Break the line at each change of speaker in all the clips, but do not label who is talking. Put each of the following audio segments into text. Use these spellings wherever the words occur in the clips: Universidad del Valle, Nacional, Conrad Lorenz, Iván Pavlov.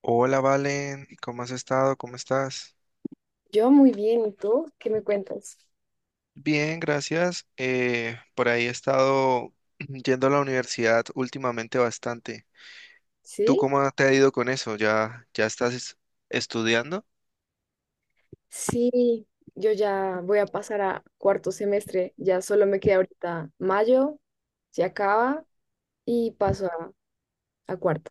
Hola Valen, ¿cómo has estado? ¿Cómo estás?
Yo muy bien, ¿y tú? ¿Qué me cuentas?
Bien, gracias. Por ahí he estado yendo a la universidad últimamente bastante. ¿Tú
¿Sí?
cómo te ha ido con eso? ¿Ya estás estudiando?
Sí, yo ya voy a pasar a cuarto semestre, ya solo me queda ahorita mayo, se acaba y paso a cuarto.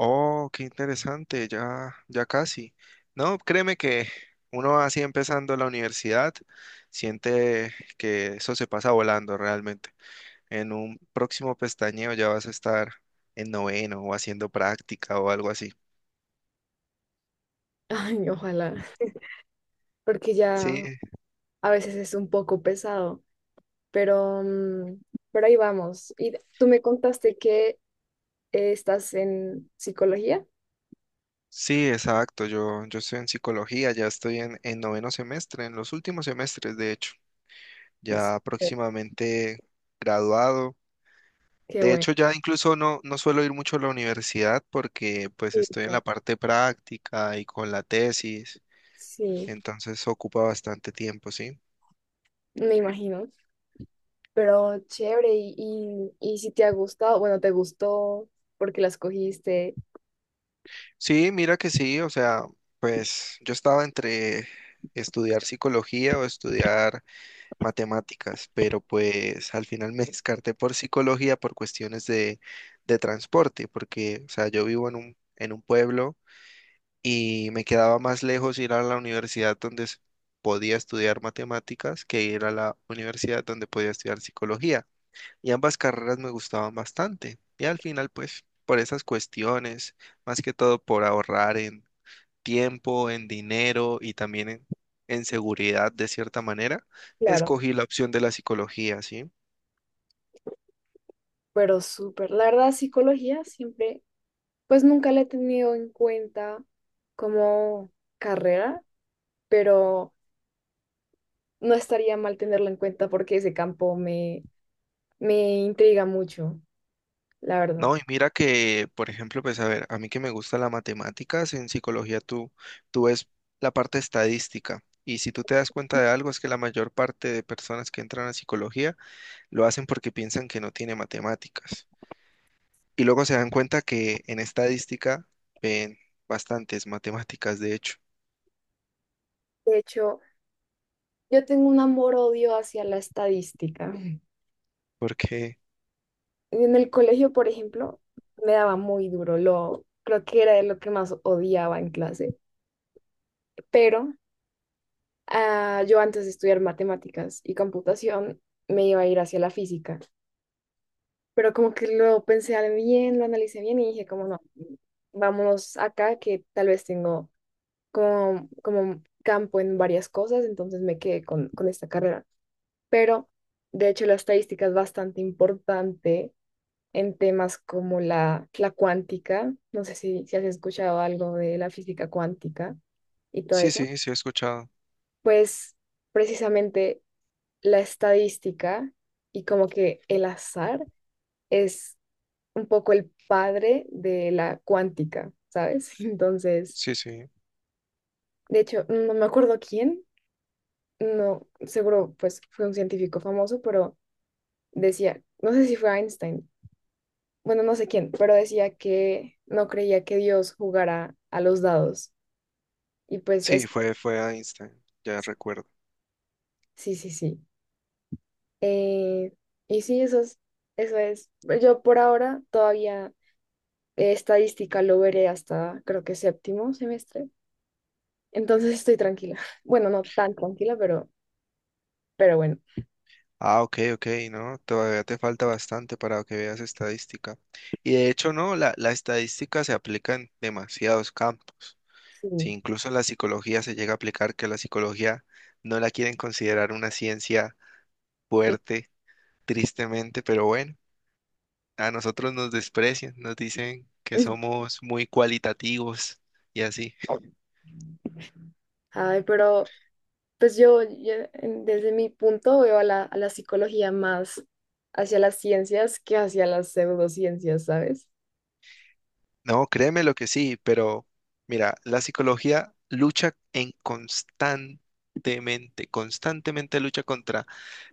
Oh, qué interesante, ya, ya casi. No, créeme que uno así empezando la universidad siente que eso se pasa volando realmente. En un próximo pestañeo ya vas a estar en noveno o haciendo práctica o algo así.
Ay, ojalá, porque ya
Sí,
a veces es un poco pesado, pero, pero ahí vamos. Y tú me contaste que estás en psicología.
sí, exacto. Yo estoy en psicología, ya estoy en noveno semestre, en los últimos semestres, de hecho,
Sí.
ya próximamente graduado.
Qué
De
bueno.
hecho, ya incluso no suelo ir mucho a la universidad porque pues
Sí,
estoy en la
claro.
parte práctica y con la tesis,
Sí,
entonces ocupa bastante tiempo, ¿sí?
me imagino. Pero chévere, y si te ha gustado, bueno, te gustó porque la escogiste.
Sí, mira que sí, o sea, pues yo estaba entre estudiar psicología o estudiar matemáticas, pero pues al final me descarté por psicología por cuestiones de transporte, porque, o sea, yo vivo en un pueblo y me quedaba más lejos ir a la universidad donde podía estudiar matemáticas que ir a la universidad donde podía estudiar psicología. Y ambas carreras me gustaban bastante. Y al final, pues, por esas cuestiones, más que todo por ahorrar en tiempo, en dinero y también en seguridad de cierta manera,
Claro.
escogí la opción de la psicología, ¿sí?
Pero súper, la verdad, psicología siempre, pues nunca la he tenido en cuenta como carrera, pero no estaría mal tenerla en cuenta porque ese campo me, me intriga mucho, la verdad.
No, y mira que, por ejemplo, pues a ver, a mí que me gusta la matemáticas, en psicología tú, tú ves la parte estadística. Y si tú te das cuenta de algo, es que la mayor parte de personas que entran a psicología lo hacen porque piensan que no tiene matemáticas. Y luego se dan cuenta que en estadística ven bastantes matemáticas, de hecho,
De hecho, yo tengo un amor-odio hacia la estadística.
porque
En el colegio, por ejemplo, me daba muy duro. Lo, creo que era de lo que más odiaba en clase. Pero yo antes de estudiar matemáticas y computación me iba a ir hacia la física. Pero como que lo pensé bien, lo analicé bien y dije, como no, vámonos acá que tal vez tengo como, como campo en varias cosas, entonces me quedé con esta carrera. Pero de hecho la estadística es bastante importante en temas como la cuántica, no sé si, si has escuchado algo de la física cuántica y todo
sí,
eso,
sí, sí he escuchado.
pues precisamente la estadística y como que el azar es un poco el padre de la cuántica, ¿sabes? Entonces,
Sí, sí.
de hecho, no me acuerdo quién, no, seguro pues fue un científico famoso, pero decía, no sé si fue Einstein, bueno, no sé quién, pero decía que no creía que Dios jugara a los dados. Y pues
Sí,
es,
fue a Einstein, ya recuerdo.
sí, sí, sí. Eh, y sí, eso es, eso es. Yo por ahora todavía estadística lo veré hasta creo que séptimo semestre. Entonces estoy tranquila. Bueno, no tan tranquila, pero bueno.
Ah, ok, ok, no, todavía te falta bastante para que veas estadística. Y de hecho, no, la estadística se aplica en demasiados campos.
Sí.
Si incluso la psicología se llega a aplicar, que la psicología no la quieren considerar una ciencia fuerte, tristemente, pero bueno, a nosotros nos desprecian, nos dicen que somos muy cualitativos y así.
Ay, pero pues desde mi punto veo a la psicología más hacia las ciencias que hacia las pseudociencias, ¿sabes?
No, créeme lo que sí, pero mira, la psicología lucha en constantemente, constantemente lucha contra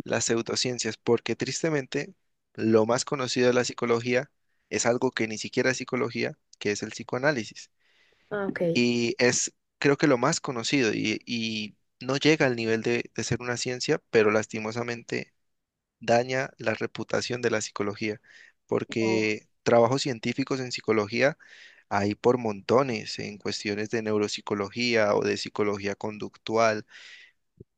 las pseudociencias, porque tristemente lo más conocido de la psicología es algo que ni siquiera es psicología, que es el psicoanálisis.
Ah, ok.
Y es, creo que lo más conocido y no llega al nivel de ser una ciencia, pero lastimosamente daña la reputación de la psicología,
No.
porque trabajos científicos en psicología hay por montones en cuestiones de neuropsicología o de psicología conductual,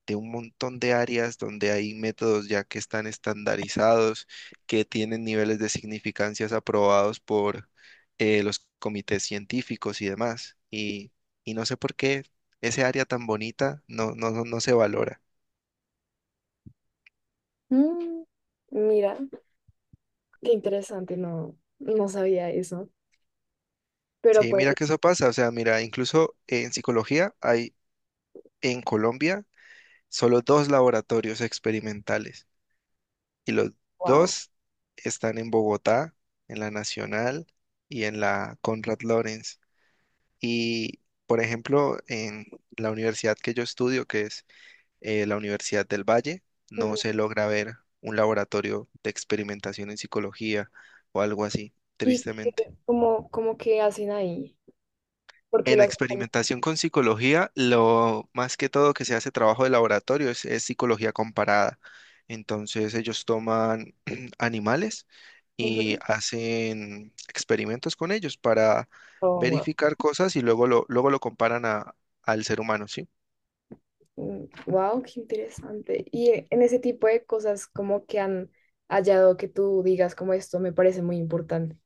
de un montón de áreas donde hay métodos ya que están estandarizados, que tienen niveles de significancias aprobados por los comités científicos y demás. Y no sé por qué ese área tan bonita no, no, no se valora.
Mm, mira. Qué interesante, no, no sabía eso. Pero
Sí,
pues,
mira que eso pasa, o sea, mira, incluso en psicología hay en Colombia solo dos laboratorios experimentales y los
wow.
dos están en Bogotá, en la Nacional y en la Conrad Lorenz. Y, por ejemplo, en la universidad que yo estudio, que es la Universidad del Valle, no
Ujú.
se logra ver un laboratorio de experimentación en psicología o algo así,
¿Y
tristemente.
cómo, cómo que hacen ahí? Porque
En
los...
experimentación con psicología, lo más que todo que se hace trabajo de laboratorio es psicología comparada. Entonces ellos toman animales y
Ujú.
hacen experimentos con ellos para
Oh, wow.
verificar cosas y luego lo comparan a, al ser humano, ¿sí?
Mm, wow, qué interesante. Y en ese tipo de cosas, ¿cómo que han hallado que tú digas como esto me parece muy importante?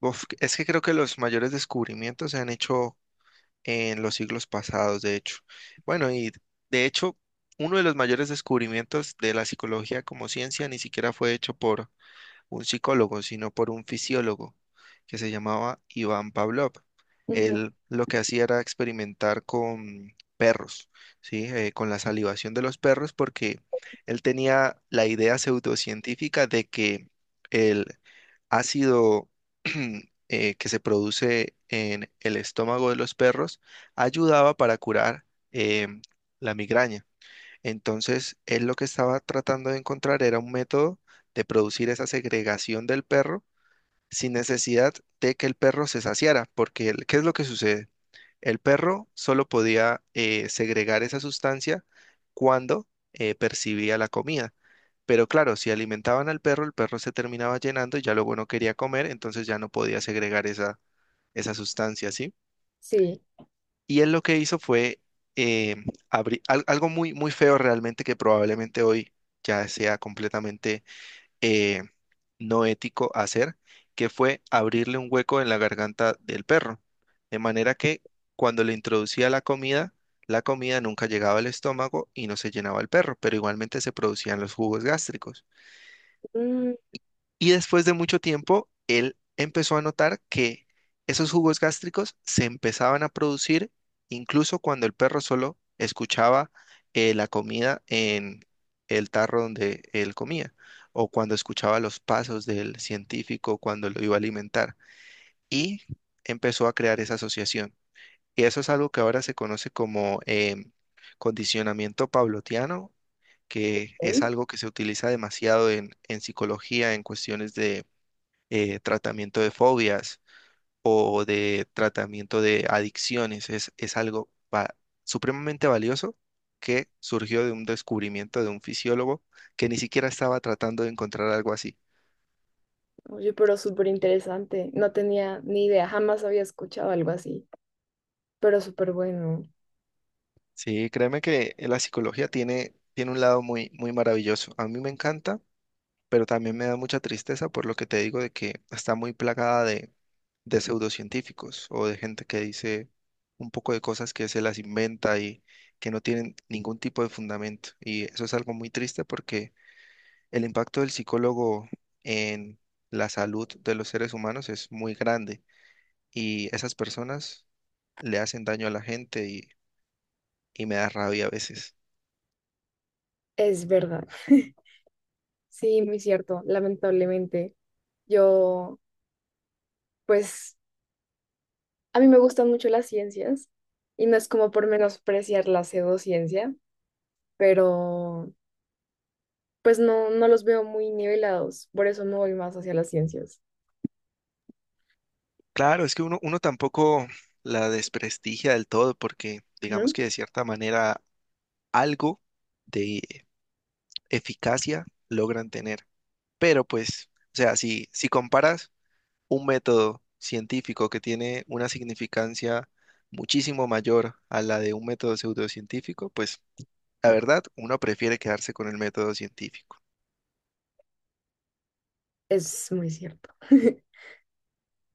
Uf, es que creo que los mayores descubrimientos se han hecho en los siglos pasados, de hecho. Bueno, y de hecho, uno de los mayores descubrimientos de la psicología como ciencia ni siquiera fue hecho por un psicólogo, sino por un fisiólogo que se llamaba Iván Pavlov.
Ujú.
Él lo que hacía era experimentar con perros, ¿sí? Con la salivación de los perros, porque él tenía la idea pseudocientífica de que el ácido que se produce en el estómago de los perros ayudaba para curar em, la migraña. Entonces, él lo que estaba tratando de encontrar era un método de producir esa segregación del perro sin necesidad de que el perro se saciara, porque el- ¿qué es lo que sucede? El perro solo podía segregar esa sustancia cuando percibía la comida. Pero claro, si alimentaban al perro, el perro se terminaba llenando y ya luego no quería comer, entonces ya no podía segregar esa, esa sustancia, ¿sí?
Sí.
Y él lo que hizo fue eh, algo muy, muy feo realmente que probablemente hoy ya sea completamente eh, no ético hacer, que fue abrirle un hueco en la garganta del perro. De manera que cuando le introducía la comida nunca llegaba al estómago y no se llenaba el perro, pero igualmente se producían los jugos gástricos.
Mm,
Y después de mucho tiempo, él empezó a notar que esos jugos gástricos se empezaban a producir incluso cuando el perro solo escuchaba la comida en el tarro donde él comía, o cuando escuchaba los pasos del científico cuando lo iba a alimentar. Y empezó a crear esa asociación. Y eso es algo que ahora se conoce como condicionamiento pavloviano, que es
ok.
algo que se utiliza demasiado en psicología, en cuestiones de tratamiento de fobias o de tratamiento de adicciones. Es algo supremamente valioso que surgió de un descubrimiento de un fisiólogo que ni siquiera estaba tratando de encontrar algo así.
Oye, pero súper interesante. No tenía ni idea, jamás había escuchado algo así, pero súper bueno.
Sí, créeme que la psicología tiene, tiene un lado muy, muy maravilloso. A mí me encanta pero también me da mucha tristeza por lo que te digo de que está muy plagada de pseudocientíficos o de gente que dice un poco de cosas que se las inventa y que no tienen ningún tipo de fundamento. Y eso es algo muy triste porque el impacto del psicólogo en la salud de los seres humanos es muy grande y esas personas le hacen daño a la gente y me da rabia a veces.
Es verdad. Sí, muy cierto, lamentablemente. Yo, pues, a mí me gustan mucho las ciencias y no es como por menospreciar la pseudociencia, pero pues no, no los veo muy nivelados, por eso me voy más hacia las ciencias.
Claro, es que uno, uno tampoco la desprestigia del todo porque digamos
Ujú.
que de cierta manera algo de eficacia logran tener. Pero pues, o sea, si, si comparas un método científico que tiene una significancia muchísimo mayor a la de un método pseudocientífico, pues la verdad, uno prefiere quedarse con el método científico.
Es muy cierto.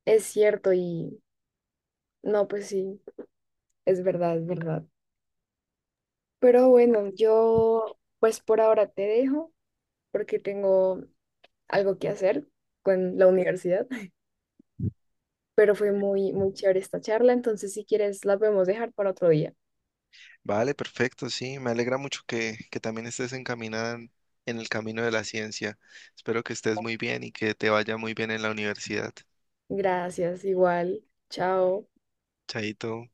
Es cierto y no, pues sí, es verdad, es verdad. Pero bueno, yo pues por ahora te dejo porque tengo algo que hacer con la universidad, pero fue muy, muy chévere esta charla, entonces si quieres la podemos dejar para otro día.
Vale, perfecto, sí, me alegra mucho que también estés encaminada en el camino de la ciencia. Espero que estés muy bien y que te vaya muy bien en la universidad.
Gracias, igual. Chao.
Chaito.